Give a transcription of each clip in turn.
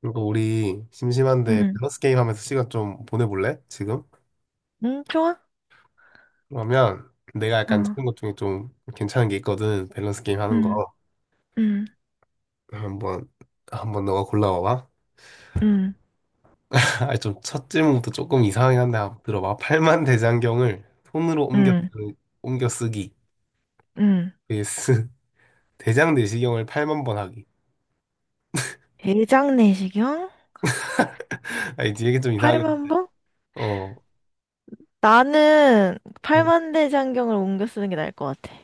그리고 우리 심심한데 응, 밸런스 게임 하면서 시간 좀 보내볼래? 지금? 응, 좋아. 그러면 내가 약간 어, 찾은 것 중에 좀 괜찮은 게 있거든. 밸런스 게임 하는 응, 거. 응, 한번, 한번 너가 골라봐봐. 응, 아, 좀 첫 질문부터 조금 이상하긴 한데 한번 들어봐. 팔만 대장경을 손으로 응, 옮겨 쓰기. 응. vs 대장 내시경을 8만 번 하기. 대장내시경? 아, 이제 이게 좀 이상하긴, 팔만봉? 어. 나는 응. 팔만대장경을 옮겨 쓰는 게 나을 것 같아.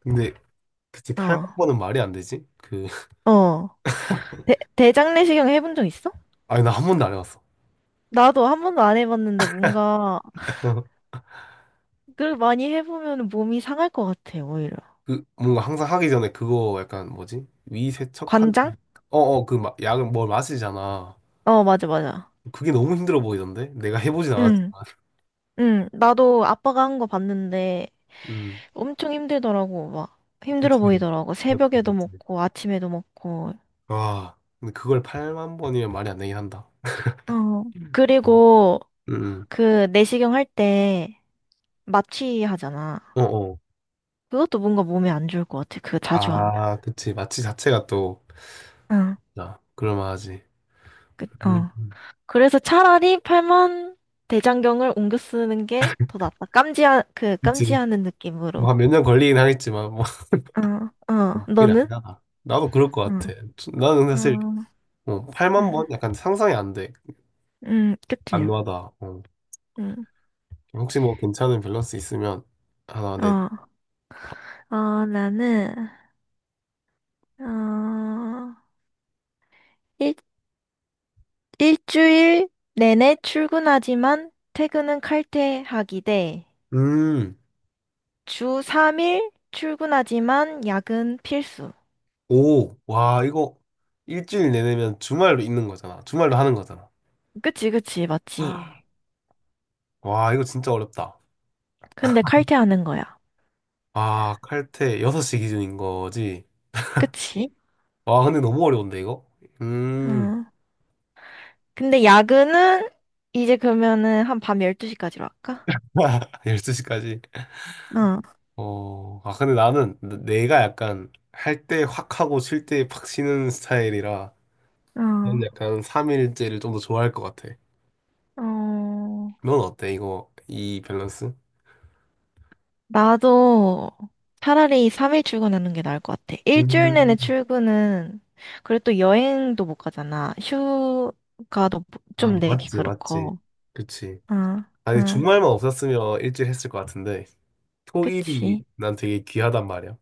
근데, 그치, 팔만 어, 번은 말이 안 되지? 어. 대장내시경 해본 적 있어? 아니, 나 한 번도 안 해봤어. 나도 한 번도 안 해봤는데 뭔가 그걸 많이 해보면 몸이 상할 것 같아, 오히려. 그 뭔가 항상 하기 전에 그거 약간 뭐지? 위 세척하는 관장? 어어, 그 막 약을 뭘 마시잖아. 어, 맞아, 맞아. 그게 너무 힘들어 보이던데? 내가 해보진 않았지만. 응, 응. 나도 아빠가 한 거 봤는데 음. 엄청 힘들더라고, 막. 힘들어 그치. 보이더라고. 맞지, 새벽에도 맞지. 먹고, 아침에도 먹고. 와, 근데 그걸 8만 번이면 말이 안 되긴 한다. 어, 음. 음. 그리고 음. 그 내시경 할 때 마취 하잖아. 어어. 그것도 뭔가 몸에 안 좋을 것 같아. 그거 자주 하면. 아, 그치. 마취 자체가 또, 어, 자, 그럴만하지. 그, 음. 어. 음. 그래서 차라리 팔만 대장경을 옮겨 쓰는 게 더 낫다. 그 그치. 깜지하는 뭐 느낌으로. 한 몇 년 걸리긴 하겠지만, 뭐, 어, 어. 그게 너는? 아니라. 나도 그럴 것 같아. 응. 나는 어, 사실, 8만 음, 번? 약간 상상이 안 돼. 그치. 안와다. 어. 음, 혹시 뭐 괜찮은 밸런스 있으면 하나 내. 어, 어, 나는, 어, 일, 일주일 내내 출근하지만 퇴근은 칼퇴하기 대, 음, 주 3일 출근하지만 야근 필수. 오, 와, 이거 일주일 내내면 주말도 있는 거잖아. 주말도 하는 거잖아. 그치, 그치, 맞지. 아. 와, 이거 진짜 어렵다. 근데 칼퇴하는 거야. 아, 칼퇴 6시 기준인 거지. 그치? 와, 근데 너무 어려운데, 이거? 어. 음, 근데 야근은 이제 그러면은 한 밤 12시까지로 할까? 12시까지. 어, 근데 나는 내가 약간 할 때 확 하고 쉴 때 팍 쉬는 스타일이라 어, 난 약간 3일째를 좀 더 좋아할 것 같아. 어. 넌 어때, 이거, 이 밸런스? 나도 차라리 3일 출근하는 게 나을 것 같아. 일주일 내내 음, 출근은, 그리고 또 여행도 못 가잖아. 휴가도 뭐 좀 내기 맞지, 맞지. 그렇고. 그치. 어, 아니, 어. 주말만 없었으면 일찍 했을 것 같은데, 토일이 그치. 난 되게 귀하단 말이야.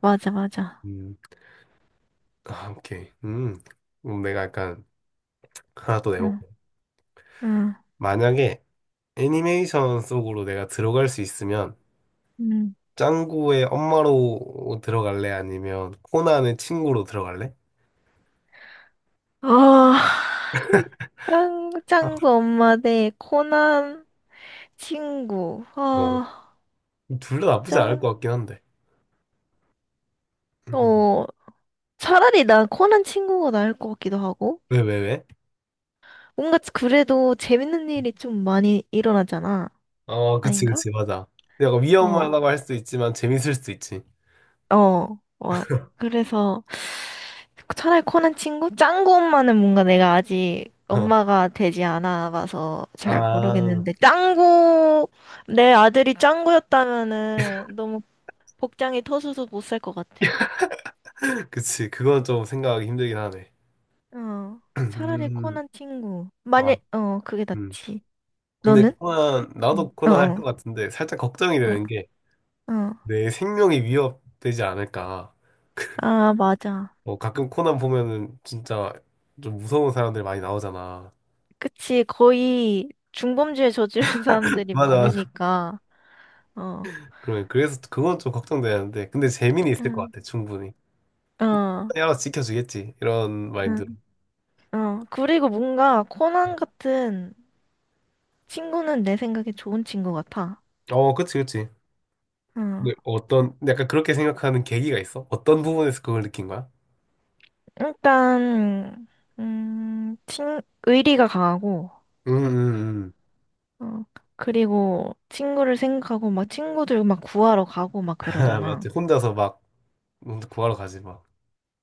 맞아, 맞아. 음, 아, 오케이. 그럼 내가 약간 하나 또 응, 내볼게. 응. 만약에 애니메이션 속으로 내가 들어갈 수 있으면, 음. 짱구의 엄마로 들어갈래? 아니면 코난의 친구로 들어갈래? 아, 아, 짱구 엄마 대 코난 친구. 어, 아, 둘 다 나쁘지 않을 짱, 것 같긴 한데. 음. 어, 차라리 난 코난 친구가 나을 것 같기도 하고. 왜, 왜, 왜? 뭔가 그래도 재밌는 일이 좀 많이 일어나잖아. 어, 그치, 아닌가? 그치, 맞아. 약간 어. 위험하다고 할 수도 있지만, 재밌을 수도 있지. 어, 와. 그래서 차라리 코난 친구? 짱구 엄마는 뭔가 내가 아직 엄마가 되지 않아 봐서 잘 아, 모르겠는데, 짱구, 내 아들이 짱구였다면은 너무 복장이 터져서 못 살 것 같아. 그치. 그건 좀 생각하기 힘들긴 하네. 어, 차라리 음, 코난 친구. 아, 그게 음. 낫지. 근데 너는? 코난, 응 나도 어, 코난 할 어, 것 같은데 살짝 걱정이 되는 게 어. 어. 내 생명이 위협되지 않을까. 아, 맞아. 뭐 가끔 코난 보면은 진짜 좀 무서운 사람들 많이 나오잖아. 그치, 거의 중범죄에 저지른 사람들이 맞아, 맞아. 많으니까, 어, 그러면 그래서 그건 좀 걱정되는데. 근데 재미는 있을 것 응, 같아, 충분히. 어. 야, 알아서 지켜주겠지. 이런 마인드로. 응. 어, 그리고 뭔가 코난 같은 친구는 내 생각에 좋은 친구 같아. 어, 그치, 그치. 어, 근데 어떤, 약간 그렇게 생각하는 계기가 있어? 어떤 부분에서 그걸 느낀 거야? 일단, 음, 친, 의리가 강하고, 음, 음, 음. 어, 그리고 친구를 생각하고 막 친구들 막 구하러 가고 막 맞지. 그러잖아. 혼자서 막 구하러 가지 막.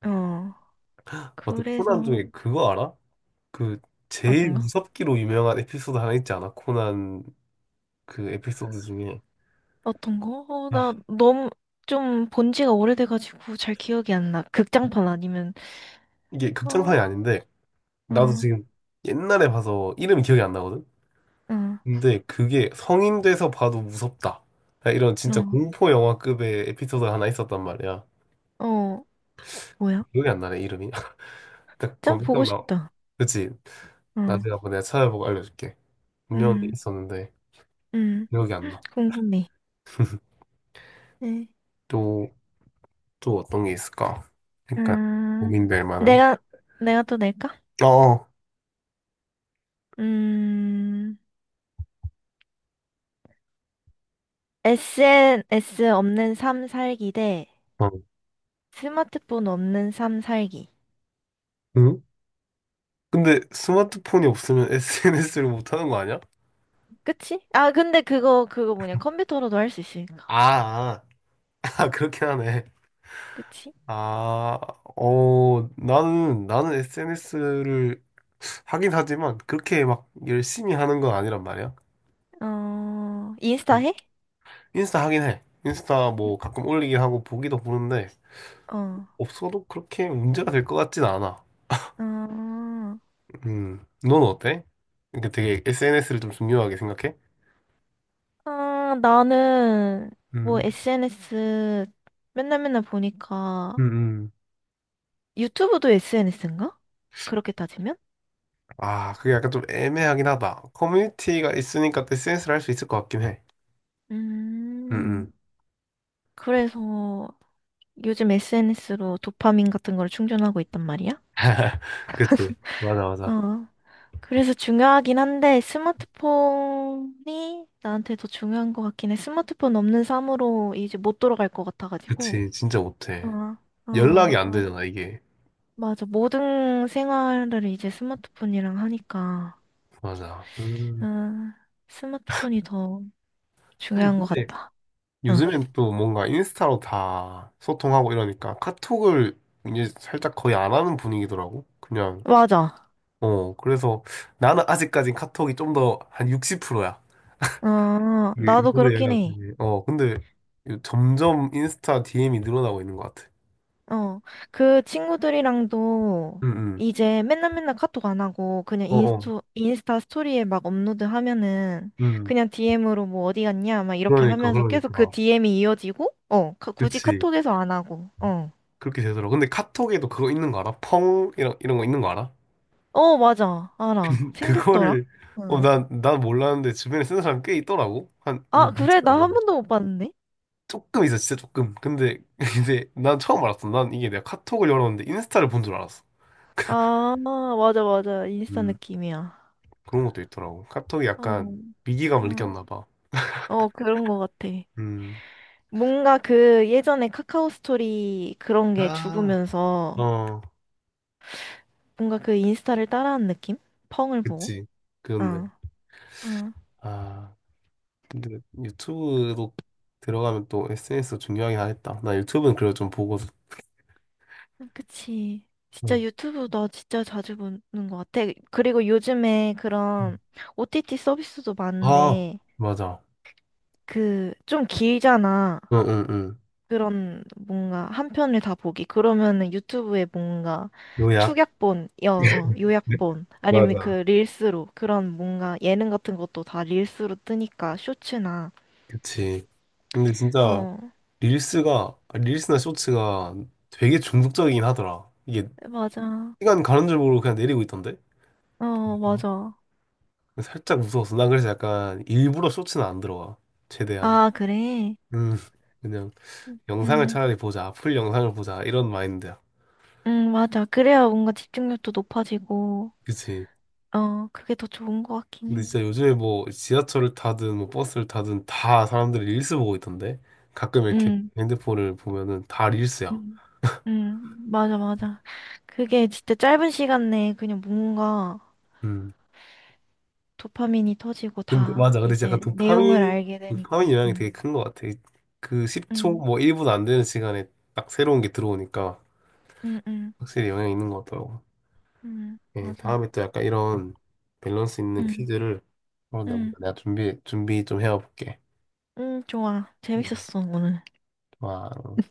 어, 맞다. 코난 그래서, 중에 그거 알아? 그 제일 어떤가? 무섭기로 유명한 에피소드 하나 있지 않아? 코난 그 에피소드 중에 어떤 거? 어, 아, 나 너무 좀 본 지가 오래돼가지고 잘 기억이 안 나. 극장판 아니면, 이게 극장판이 어, 아닌데 나도 어, 지금 옛날에 봐서 이름이 기억이 안 나거든. 어, 근데 그게 성인 돼서 봐도 무섭다. 야, 이런 진짜 어, 공포 영화급의 에피소드가 하나 있었단 말이야. 어, 뭐야? 기억이 안 나네 이름이. 딱 짱 보고 검색하면 나. 싶다. 그치? 어, 나중에 한번 내가 찾아보고 알려줄게. 분명히 음. 있었는데 음, 기억이 안 나. 궁금해. 네. 또 또 어떤 게 있을까? 그러니까 음, 고민될 만한. 내가, 내가 또 낼까? 어, 어. 음, SNS 없는 삶 살기 대 어. 스마트폰 없는 삶 살기. 응? 근데 스마트폰이 없으면 SNS를 못 하는 거 아니야? 그치? 아, 근데 그거 뭐냐. 컴퓨터로도 할 수 있으니까. 아, 아, 그렇긴 하네. 그치? 아, 나는 SNS를 하긴 하지만 그렇게 막 열심히 하는 건 아니란 말이야. 어, 인스타 음. 해? 인스타 하긴 해. 인스타 뭐 가끔 올리긴 하고 보기도 보는데 어, 없어도 그렇게 문제가 될 것 같진 않아. 어, 넌 어때? 그러니까 되게 SNS를 좀 중요하게 생각해? 아, 나는 뭐 음. SNS 맨날 맨날 보니까 음, 음. 유튜브도 SNS인가? 그렇게 따지면? 아, 그게 약간 좀 애매하긴 하다. 커뮤니티가 있으니까 또 SNS를 할 수 있을 것 같긴 해. 응응 음, 그래서 요즘 SNS로 도파민 같은 걸 충전하고 있단 말이야? 그치. 맞아, 맞아. 어. 그래서 중요하긴 한데 스마트폰이 나한테 더 중요한 것 같긴 해. 스마트폰 없는 삶으로 이제 못 돌아갈 것 같아가지고. 그치. 진짜 어, 못해. 연락이 어. 안 되잖아, 이게. 맞아. 모든 생활을 이제 스마트폰이랑 하니까. 맞아. 어, 음. 스마트폰이 더 아니, 중요한 것 근데 같다. 응. 요즘엔 또 뭔가 인스타로 다 소통하고 이러니까 카톡을 이제 살짝 거의 안 하는 분위기더라고. 그냥. 맞아. 그래서 나는 아직까진 카톡이 좀 더 한 60%야. 어, 이게 나도 인터넷 그렇긴 해. 연락들이. 근데 이거 점점 인스타 DM이 늘어나고 있는 것 같아. 어, 그 친구들이랑도 응, 응. 이제 맨날 맨날 카톡 안 하고 그냥 어, 어. 인스타 스토리에 막 업로드 하면은 응. 그냥 DM으로 뭐 어디 갔냐 막 이렇게 그러니까, 하면서 계속 그 그러니까. DM이 이어지고 어, 굳이 그치. 카톡에서 안 하고 어. 그렇게 되더라. 근데 카톡에도 그거 있는 거 알아? 펑? 이런, 이런 거 있는 거 알아? 어, 맞아. 알아. 생겼더라. 그거를, 응. 난 몰랐는데 주변에 쓰는 사람 꽤 있더라고. 한, 아, 뭐, 그래? 많지는 나 않아. 한 번도 못 봤는데? 조금 있어, 진짜 조금. 근데 이제 난 처음 알았어. 난 이게 내가 카톡을 열었는데 인스타를 본 줄 알았어. 아, 맞아, 맞아. 인스타 음, 느낌이야. 그런 것도 있더라고. 카톡이 약간 어, 위기감을 응. 느꼈나 봐. 어, 그런 거 같아. 음. 뭔가 그 예전에 카카오 스토리 그런 게 아. 죽으면서 어. 뭔가 그 인스타를 따라하는 느낌? 펑을 보고. 그치. 그렇네. 어, 어, 아, 근데 유튜브로 들어가면 또 SNS 중요하긴 하겠다. 나 유튜브는 그래도 좀 보고. 그치. 응. 진짜 유튜브 나 진짜 자주 보는 것 같아. 그리고 요즘에 응. 그런 OTT 서비스도 아, 많은데, 맞아. 그, 좀 길잖아. 응, 응, 응. 그런 뭔가 한 편을 다 보기. 그러면은 유튜브에 뭔가 요약. 네? 요약본, 아니면 그 맞아. 릴스로, 그런 뭔가 예능 같은 것도 다 릴스로 뜨니까, 쇼츠나. 그치. 근데 진짜 어, 릴스나 쇼츠가 되게 중독적이긴 하더라. 이게 맞아. 시간 가는 줄 모르고 그냥 내리고 있던데? 어, 어? 맞아. 살짝 무서웠어. 난 그래서 약간 일부러 쇼츠는 안 들어가. 최대한. 아, 그래? 음, 그냥. 영상을 음, 차라리 보자. 풀 영상을 보자. 이런 마인드야. 맞아. 그래야 뭔가 집중력도 높아지고, 그치? 어, 그게 더 좋은 것 같긴 근데 해. 진짜 요즘에 뭐 지하철을 타든 뭐 버스를 타든 다 사람들이 릴스 보고 있던데? 가끔 이렇게 음, 핸드폰을 보면은 다 릴스야. 음, 맞아, 맞아. 그게 진짜 짧은 시간 내에 그냥 뭔가 음. 도파민이 터지고 근데 다 맞아. 근데 진짜 약간 이제 내용을 도파민, 알게 도파민 되니까. 영향이 되게 큰 것 같아. 그 10초, 음, 뭐 1분 안 되는 시간에 딱 새로운 게 들어오니까 음, 음, 확실히 영향이 있는 것 같더라고. 예, 맞아. 다음에 또 약간 이런 밸런스 있는 음, 퀴즈를 한번 내가 음, 내가 준비 좀 해와볼게. 좋아. 재밌었어, 오늘. 와.